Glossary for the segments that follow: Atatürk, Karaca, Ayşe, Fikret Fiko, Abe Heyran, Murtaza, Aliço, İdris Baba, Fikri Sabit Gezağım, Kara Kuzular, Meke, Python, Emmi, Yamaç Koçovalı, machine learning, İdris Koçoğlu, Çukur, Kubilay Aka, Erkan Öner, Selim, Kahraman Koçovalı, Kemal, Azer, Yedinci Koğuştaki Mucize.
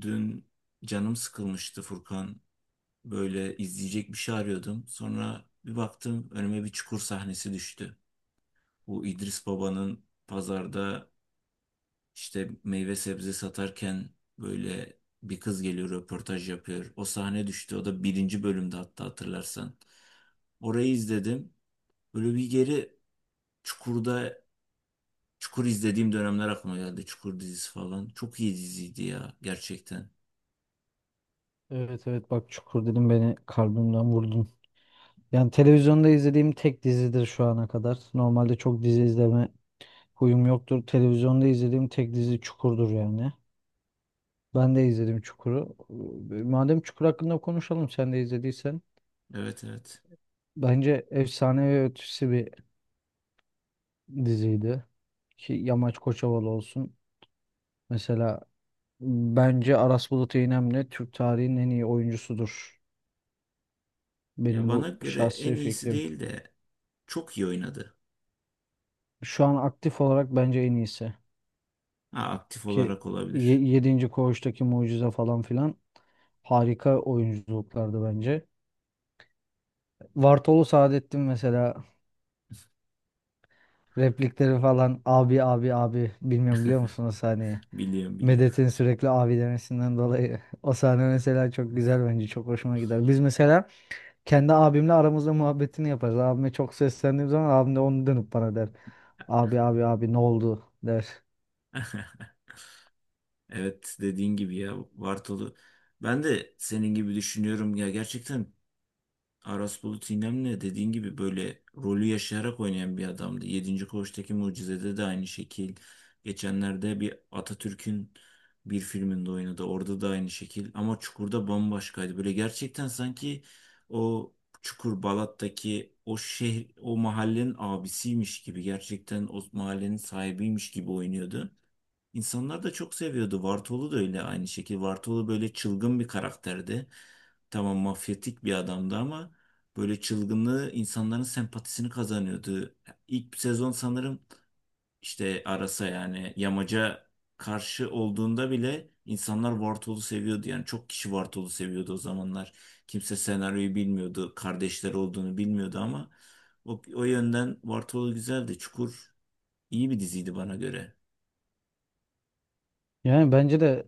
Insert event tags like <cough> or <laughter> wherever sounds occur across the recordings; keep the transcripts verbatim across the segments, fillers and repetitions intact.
Dün canım sıkılmıştı Furkan. Böyle izleyecek bir şey arıyordum. Sonra bir baktım önüme bir çukur sahnesi düştü. Bu İdris Baba'nın pazarda işte meyve sebze satarken böyle bir kız geliyor röportaj yapıyor. O sahne düştü. O da birinci bölümde hatta hatırlarsan. Orayı izledim. Böyle bir geri Çukur'da Çukur izlediğim dönemler aklıma geldi. Çukur dizisi falan. Çok iyi diziydi ya gerçekten. Evet evet, bak Çukur dedim beni kalbimden vurdun. Yani televizyonda izlediğim tek dizidir şu ana kadar. Normalde çok dizi izleme huyum yoktur. Televizyonda izlediğim tek dizi Çukur'dur yani. Ben de izledim Çukur'u. Ee, Madem Çukur hakkında konuşalım sen de izlediysen. Evet evet. Bence efsane ve ötesi bir diziydi. Ki Yamaç Koçovalı olsun. Mesela bence Aras Bulut İynemli Türk tarihinin en iyi oyuncusudur. Ya Benim bana bu göre en şahsi iyisi fikrim. değil de çok iyi oynadı. Şu an aktif olarak bence en iyisi. Ha, aktif ki olarak ye- olabilir. Yedinci koğuştaki mucize falan filan harika oyunculuklardı bence. Vartolu Saadettin mesela replikleri falan, abi abi abi, bilmiyorum biliyor musunuz o sahneyi? Biliyorum biliyorum. Medet'in sürekli abi demesinden dolayı <laughs> o sahne mesela çok güzel, bence çok hoşuma gider. Biz mesela kendi abimle aramızda muhabbetini yaparız. Abime çok seslendiğim zaman abim de onu dönüp bana der. Abi abi abi ne oldu der. <laughs> Evet dediğin gibi ya Bartolu. Ben de senin gibi düşünüyorum ya gerçekten Aras Bulut İynemli dediğin gibi böyle rolü yaşayarak oynayan bir adamdı. Yedinci Koğuştaki Mucize'de de aynı şekil. Geçenlerde bir Atatürk'ün bir filminde oynadı. Orada da aynı şekil. Ama Çukur'da bambaşkaydı. Böyle gerçekten sanki o Çukur Balat'taki o şehir, o mahallenin abisiymiş gibi. Gerçekten o mahallenin sahibiymiş gibi oynuyordu. İnsanlar da çok seviyordu. Vartolu da öyle aynı şekilde. Vartolu böyle çılgın bir karakterdi. Tamam mafyatik bir adamdı ama böyle çılgınlığı insanların sempatisini kazanıyordu. İlk sezon sanırım işte Arasa yani Yamaca karşı olduğunda bile insanlar Vartolu seviyordu. Yani çok kişi Vartolu seviyordu o zamanlar. Kimse senaryoyu bilmiyordu. Kardeşler olduğunu bilmiyordu ama o, o yönden Vartolu güzeldi. Çukur iyi bir diziydi bana göre. Yani bence de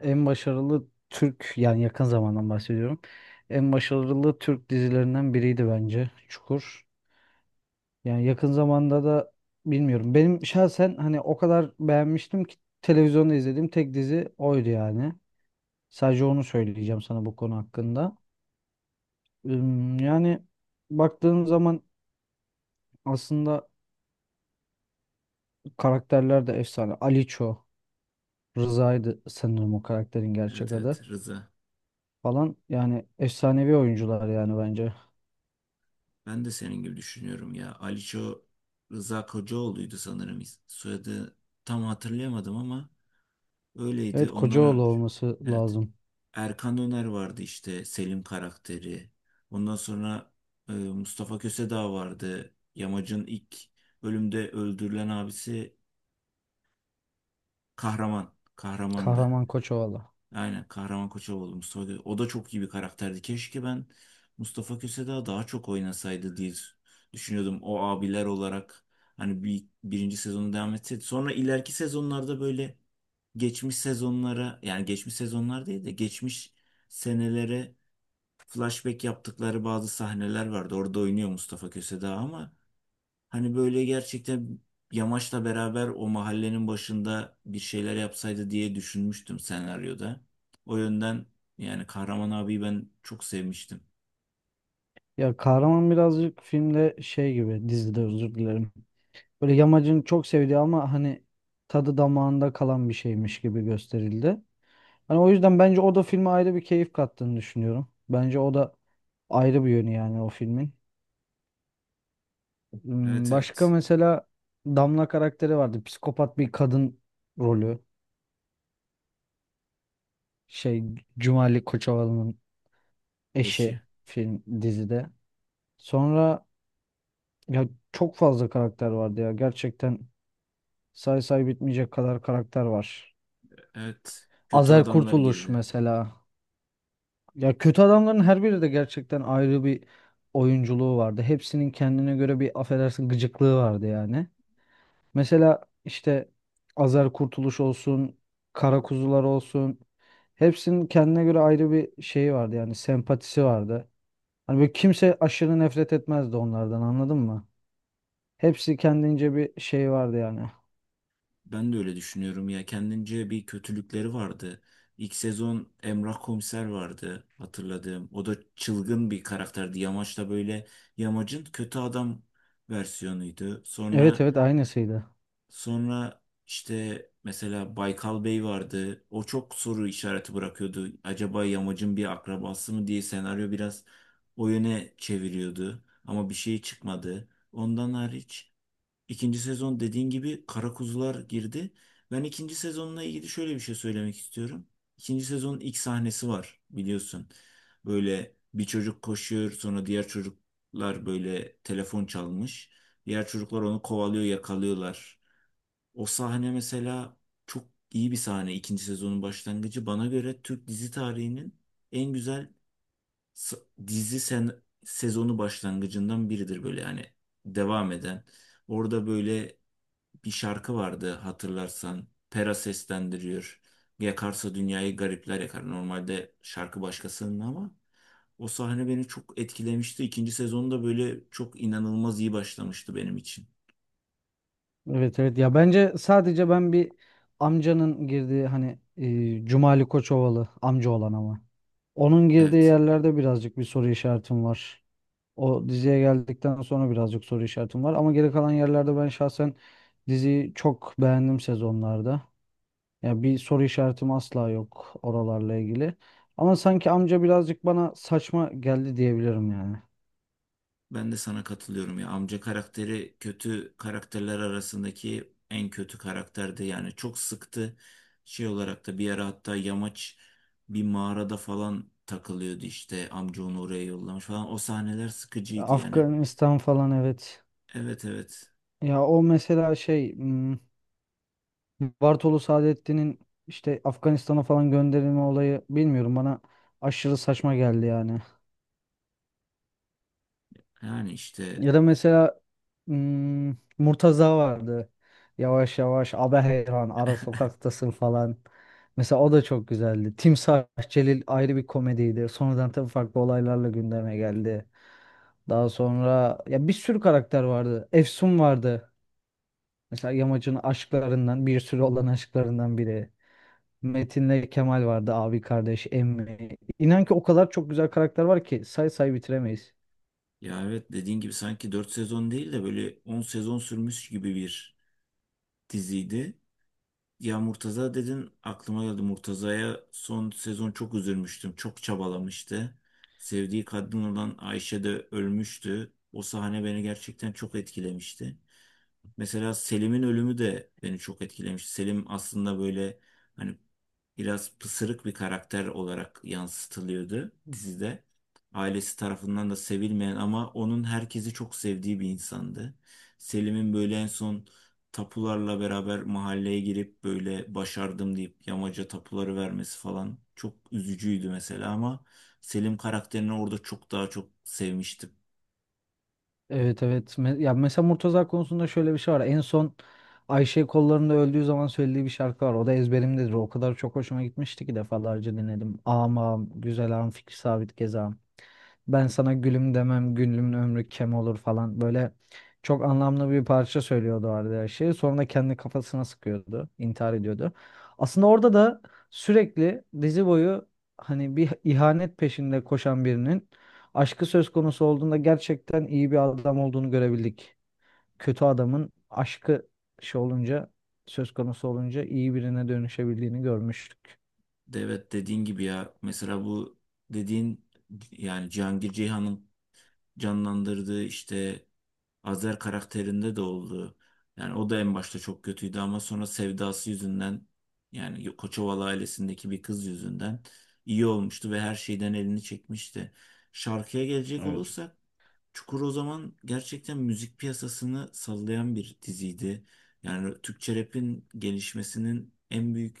en başarılı Türk, yani yakın zamandan bahsediyorum. En başarılı Türk dizilerinden biriydi bence Çukur. Yani yakın zamanda da bilmiyorum. Benim şahsen hani o kadar beğenmiştim ki televizyonda izlediğim tek dizi oydu yani. Sadece onu söyleyeceğim sana bu konu hakkında. Üm, Yani baktığın zaman aslında karakterler de efsane. Aliço, Rıza'ydı sanırım o karakterin gerçek Evet evet adı Rıza. falan. Yani efsanevi oyuncular yani bence. Ben de senin gibi düşünüyorum ya. Aliço Rıza Kocaoğlu'ydu sanırım is- soyadı. Tam hatırlayamadım ama öyleydi. Evet, Ondan Kocaoğlu önce olması evet. lazım. Erkan Öner vardı işte Selim karakteri. Ondan sonra e, Mustafa Kösedağ vardı. Yamacın ilk bölümde öldürülen abisi Kahraman. Kahramandı. Kahraman Koçovalı. Aynen Kahraman Koçovalı. Mustafa Kö- O da çok iyi bir karakterdi. Keşke ben Mustafa Köse daha çok oynasaydı diye düşünüyordum. O abiler olarak hani bir, birinci sezonu devam etseydi. Sonra ileriki sezonlarda böyle geçmiş sezonlara yani geçmiş sezonlar değil de geçmiş senelere flashback yaptıkları bazı sahneler vardı. Orada oynuyor Mustafa Köse ama hani böyle gerçekten Yamaç'la beraber o mahallenin başında bir şeyler yapsaydı diye düşünmüştüm senaryoda. O yönden yani Kahraman abiyi ben çok sevmiştim. Ya kahraman birazcık filmde şey gibi, dizide, özür dilerim. Böyle yamacın çok sevdiği ama hani tadı damağında kalan bir şeymiş gibi gösterildi. Hani o yüzden bence o da filme ayrı bir keyif kattığını düşünüyorum. Bence o da ayrı bir yönü yani o filmin. Evet Hmm, Başka evet. mesela Damla karakteri vardı. Psikopat bir kadın rolü. Şey, Cumali Koçovalı'nın eşi Eşi. film dizide. Sonra, ya çok fazla karakter vardı ya. Gerçekten say say bitmeyecek kadar karakter var. Evet. Kötü Azer adamlar Kurtuluş girdi. mesela. Ya kötü adamların her biri de gerçekten ayrı bir oyunculuğu vardı. Hepsinin kendine göre bir affedersin gıcıklığı vardı yani. Mesela işte Azer Kurtuluş olsun, Kara Kuzular olsun. Hepsinin kendine göre ayrı bir şeyi vardı yani, sempatisi vardı. Hani böyle kimse aşırı nefret etmezdi onlardan, anladın mı? Hepsi kendince bir şey vardı yani. Ben de öyle düşünüyorum ya. Kendince bir kötülükleri vardı. İlk sezon Emrah Komiser vardı hatırladığım. O da çılgın bir karakterdi. Yamaç da böyle Yamaç'ın kötü adam versiyonuydu. Evet Sonra evet, aynısıydı. Sonra işte mesela Baykal Bey vardı. O çok soru işareti bırakıyordu. Acaba Yamac'ın bir akrabası mı diye senaryo biraz o yöne çeviriyordu. Ama bir şey çıkmadı. Ondan hariç ikinci sezon dediğin gibi Kara Kuzular girdi. Ben ikinci sezonla ilgili şöyle bir şey söylemek istiyorum. İkinci sezonun ilk sahnesi var biliyorsun. Böyle bir çocuk koşuyor sonra diğer çocuklar böyle telefon çalmış. Diğer çocuklar onu kovalıyor yakalıyorlar. O sahne mesela çok iyi bir sahne. İkinci sezonun başlangıcı. Bana göre Türk dizi tarihinin en güzel s- dizi sen sezonu başlangıcından biridir böyle yani devam eden. Orada böyle bir şarkı vardı hatırlarsan. Pera seslendiriyor. Yakarsa dünyayı garipler yakar. Normalde şarkı başkasının ama o sahne beni çok etkilemişti. İkinci sezonda böyle çok inanılmaz iyi başlamıştı benim için. Evet evet, ya bence sadece ben bir amcanın girdiği, hani e, Cumali Koçovalı amca olan ama onun girdiği Evet. yerlerde birazcık bir soru işaretim var. O diziye geldikten sonra birazcık soru işaretim var ama geri kalan yerlerde ben şahsen diziyi çok beğendim sezonlarda. Ya bir soru işaretim asla yok oralarla ilgili. Ama sanki amca birazcık bana saçma geldi diyebilirim yani. Ben de sana katılıyorum ya. Amca karakteri kötü karakterler arasındaki en kötü karakterdi. Yani çok sıktı. Şey olarak da bir ara hatta yamaç bir mağarada falan takılıyordu işte. Amca onu oraya yollamış falan. O sahneler sıkıcıydı yani. Afganistan falan, evet. Evet evet. Ya o mesela şey, hmm, Bartolu Saadettin'in işte Afganistan'a falan gönderilme olayı, bilmiyorum, bana aşırı saçma geldi yani. Yani işte Ya da mesela, hmm, Murtaza vardı. Yavaş yavaş Abe Heyran ara sokaktasın falan. Mesela o da çok güzeldi. Timsah Celil ayrı bir komediydi. Sonradan tabii farklı olaylarla gündeme geldi. Daha sonra ya bir sürü karakter vardı. Efsun vardı. Mesela Yamaç'ın aşklarından, bir sürü olan aşklarından biri. Metin'le Kemal vardı, abi kardeş, Emmi. İnan ki o kadar çok güzel karakter var ki say say bitiremeyiz. ya evet dediğin gibi sanki dört sezon değil de böyle on sezon sürmüş gibi bir diziydi. Ya Murtaza dedin aklıma geldi. Murtaza'ya son sezon çok üzülmüştüm. Çok çabalamıştı. Sevdiği kadın olan Ayşe de ölmüştü. O sahne beni gerçekten çok etkilemişti. Mesela Selim'in ölümü de beni çok etkilemiş. Selim aslında böyle hani biraz pısırık bir karakter olarak yansıtılıyordu dizide. Ailesi tarafından da sevilmeyen ama onun herkesi çok sevdiği bir insandı. Selim'in böyle en son tapularla beraber mahalleye girip böyle başardım deyip yamaca tapuları vermesi falan çok üzücüydü mesela ama Selim karakterini orada çok daha çok sevmiştim. Evet evet. Me- Ya mesela Murtaza konusunda şöyle bir şey var. En son Ayşe kollarında öldüğü zaman söylediği bir şarkı var. O da ezberimdedir. O kadar çok hoşuma gitmişti ki defalarca dinledim. Ağam ağam, güzel ağam, Fikri Sabit Gezağım. Ben sana gülüm demem, gülümün ömrü kem olur falan. Böyle çok anlamlı bir parça söylüyordu orada her şeyi. Sonra da kendi kafasına sıkıyordu, intihar ediyordu. Aslında orada da sürekli dizi boyu hani bir ihanet peşinde koşan birinin aşkı söz konusu olduğunda gerçekten iyi bir adam olduğunu görebildik. Kötü adamın aşkı şey olunca, söz konusu olunca iyi birine dönüşebildiğini görmüştük. De Evet dediğin gibi ya mesela bu dediğin yani Cihangir Ceyhan'ın canlandırdığı işte Azer karakterinde de oldu. Yani o da en başta çok kötüydü ama sonra sevdası yüzünden yani Koçovalı ailesindeki bir kız yüzünden iyi olmuştu ve her şeyden elini çekmişti. Şarkıya gelecek olursak Çukur o zaman gerçekten müzik piyasasını sallayan bir diziydi. Yani Türkçe rap'in gelişmesinin en büyük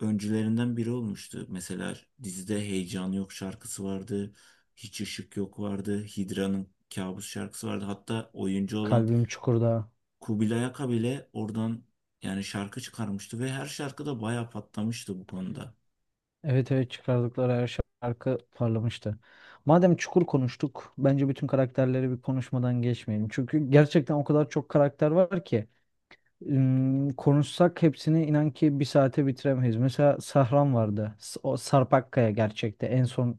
öncülerinden biri olmuştu. Mesela dizide Heyecan Yok şarkısı vardı. Hiç Işık Yok vardı. Hidra'nın Kabus şarkısı vardı. Hatta oyuncu olan Kalbim Çukur'da. Kubilay Aka bile oradan yani şarkı çıkarmıştı ve her şarkıda bayağı patlamıştı bu konuda. Evet evet, çıkardıkları her şarkı parlamıştı. Madem Çukur konuştuk, bence bütün karakterleri bir konuşmadan geçmeyelim. Çünkü gerçekten o kadar çok karakter var ki. Im, konuşsak hepsini inan ki bir saate bitiremeyiz. Mesela Sahran vardı. S- O Sarp Akkaya gerçekte en son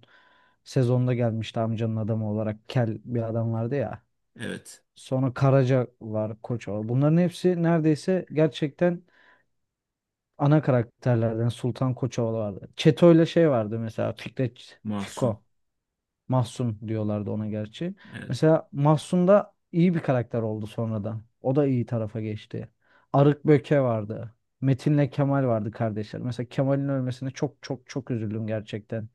sezonda gelmişti amcanın adamı olarak. Kel bir adam vardı ya. Evet. Sonra Karaca var, Koçovalı. Bunların hepsi neredeyse gerçekten ana karakterlerden. Sultan Koçovalı vardı. Çeto'yla şey vardı mesela, Fikret Mahsun. Fiko. Mahsun diyorlardı ona gerçi. Evet. Mesela Mahsun da iyi bir karakter oldu sonradan. O da iyi tarafa geçti. Arık Böke vardı. Metin'le Kemal vardı, kardeşler. Mesela Kemal'in ölmesine çok çok çok üzüldüm gerçekten.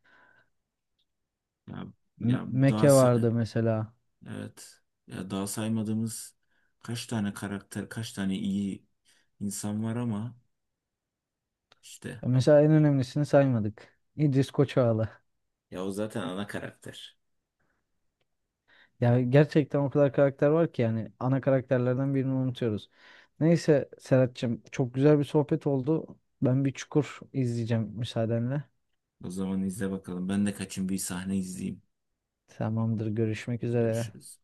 Ya, Me- ya daha Meke sa- vardı mesela. evet. Ya daha saymadığımız kaç tane karakter, kaç tane iyi insan var ama işte Mesela en önemlisini saymadık. İdris Koçoğlu. ya o zaten ana karakter. Ya gerçekten o kadar karakter var ki yani ana karakterlerden birini unutuyoruz. Neyse Serhat'cığım, çok güzel bir sohbet oldu. Ben bir Çukur izleyeceğim müsaadenle. O zaman izle bakalım. Ben de kaçın bir sahne izleyeyim. Tamamdır, görüşmek üzere. Görüşürüz.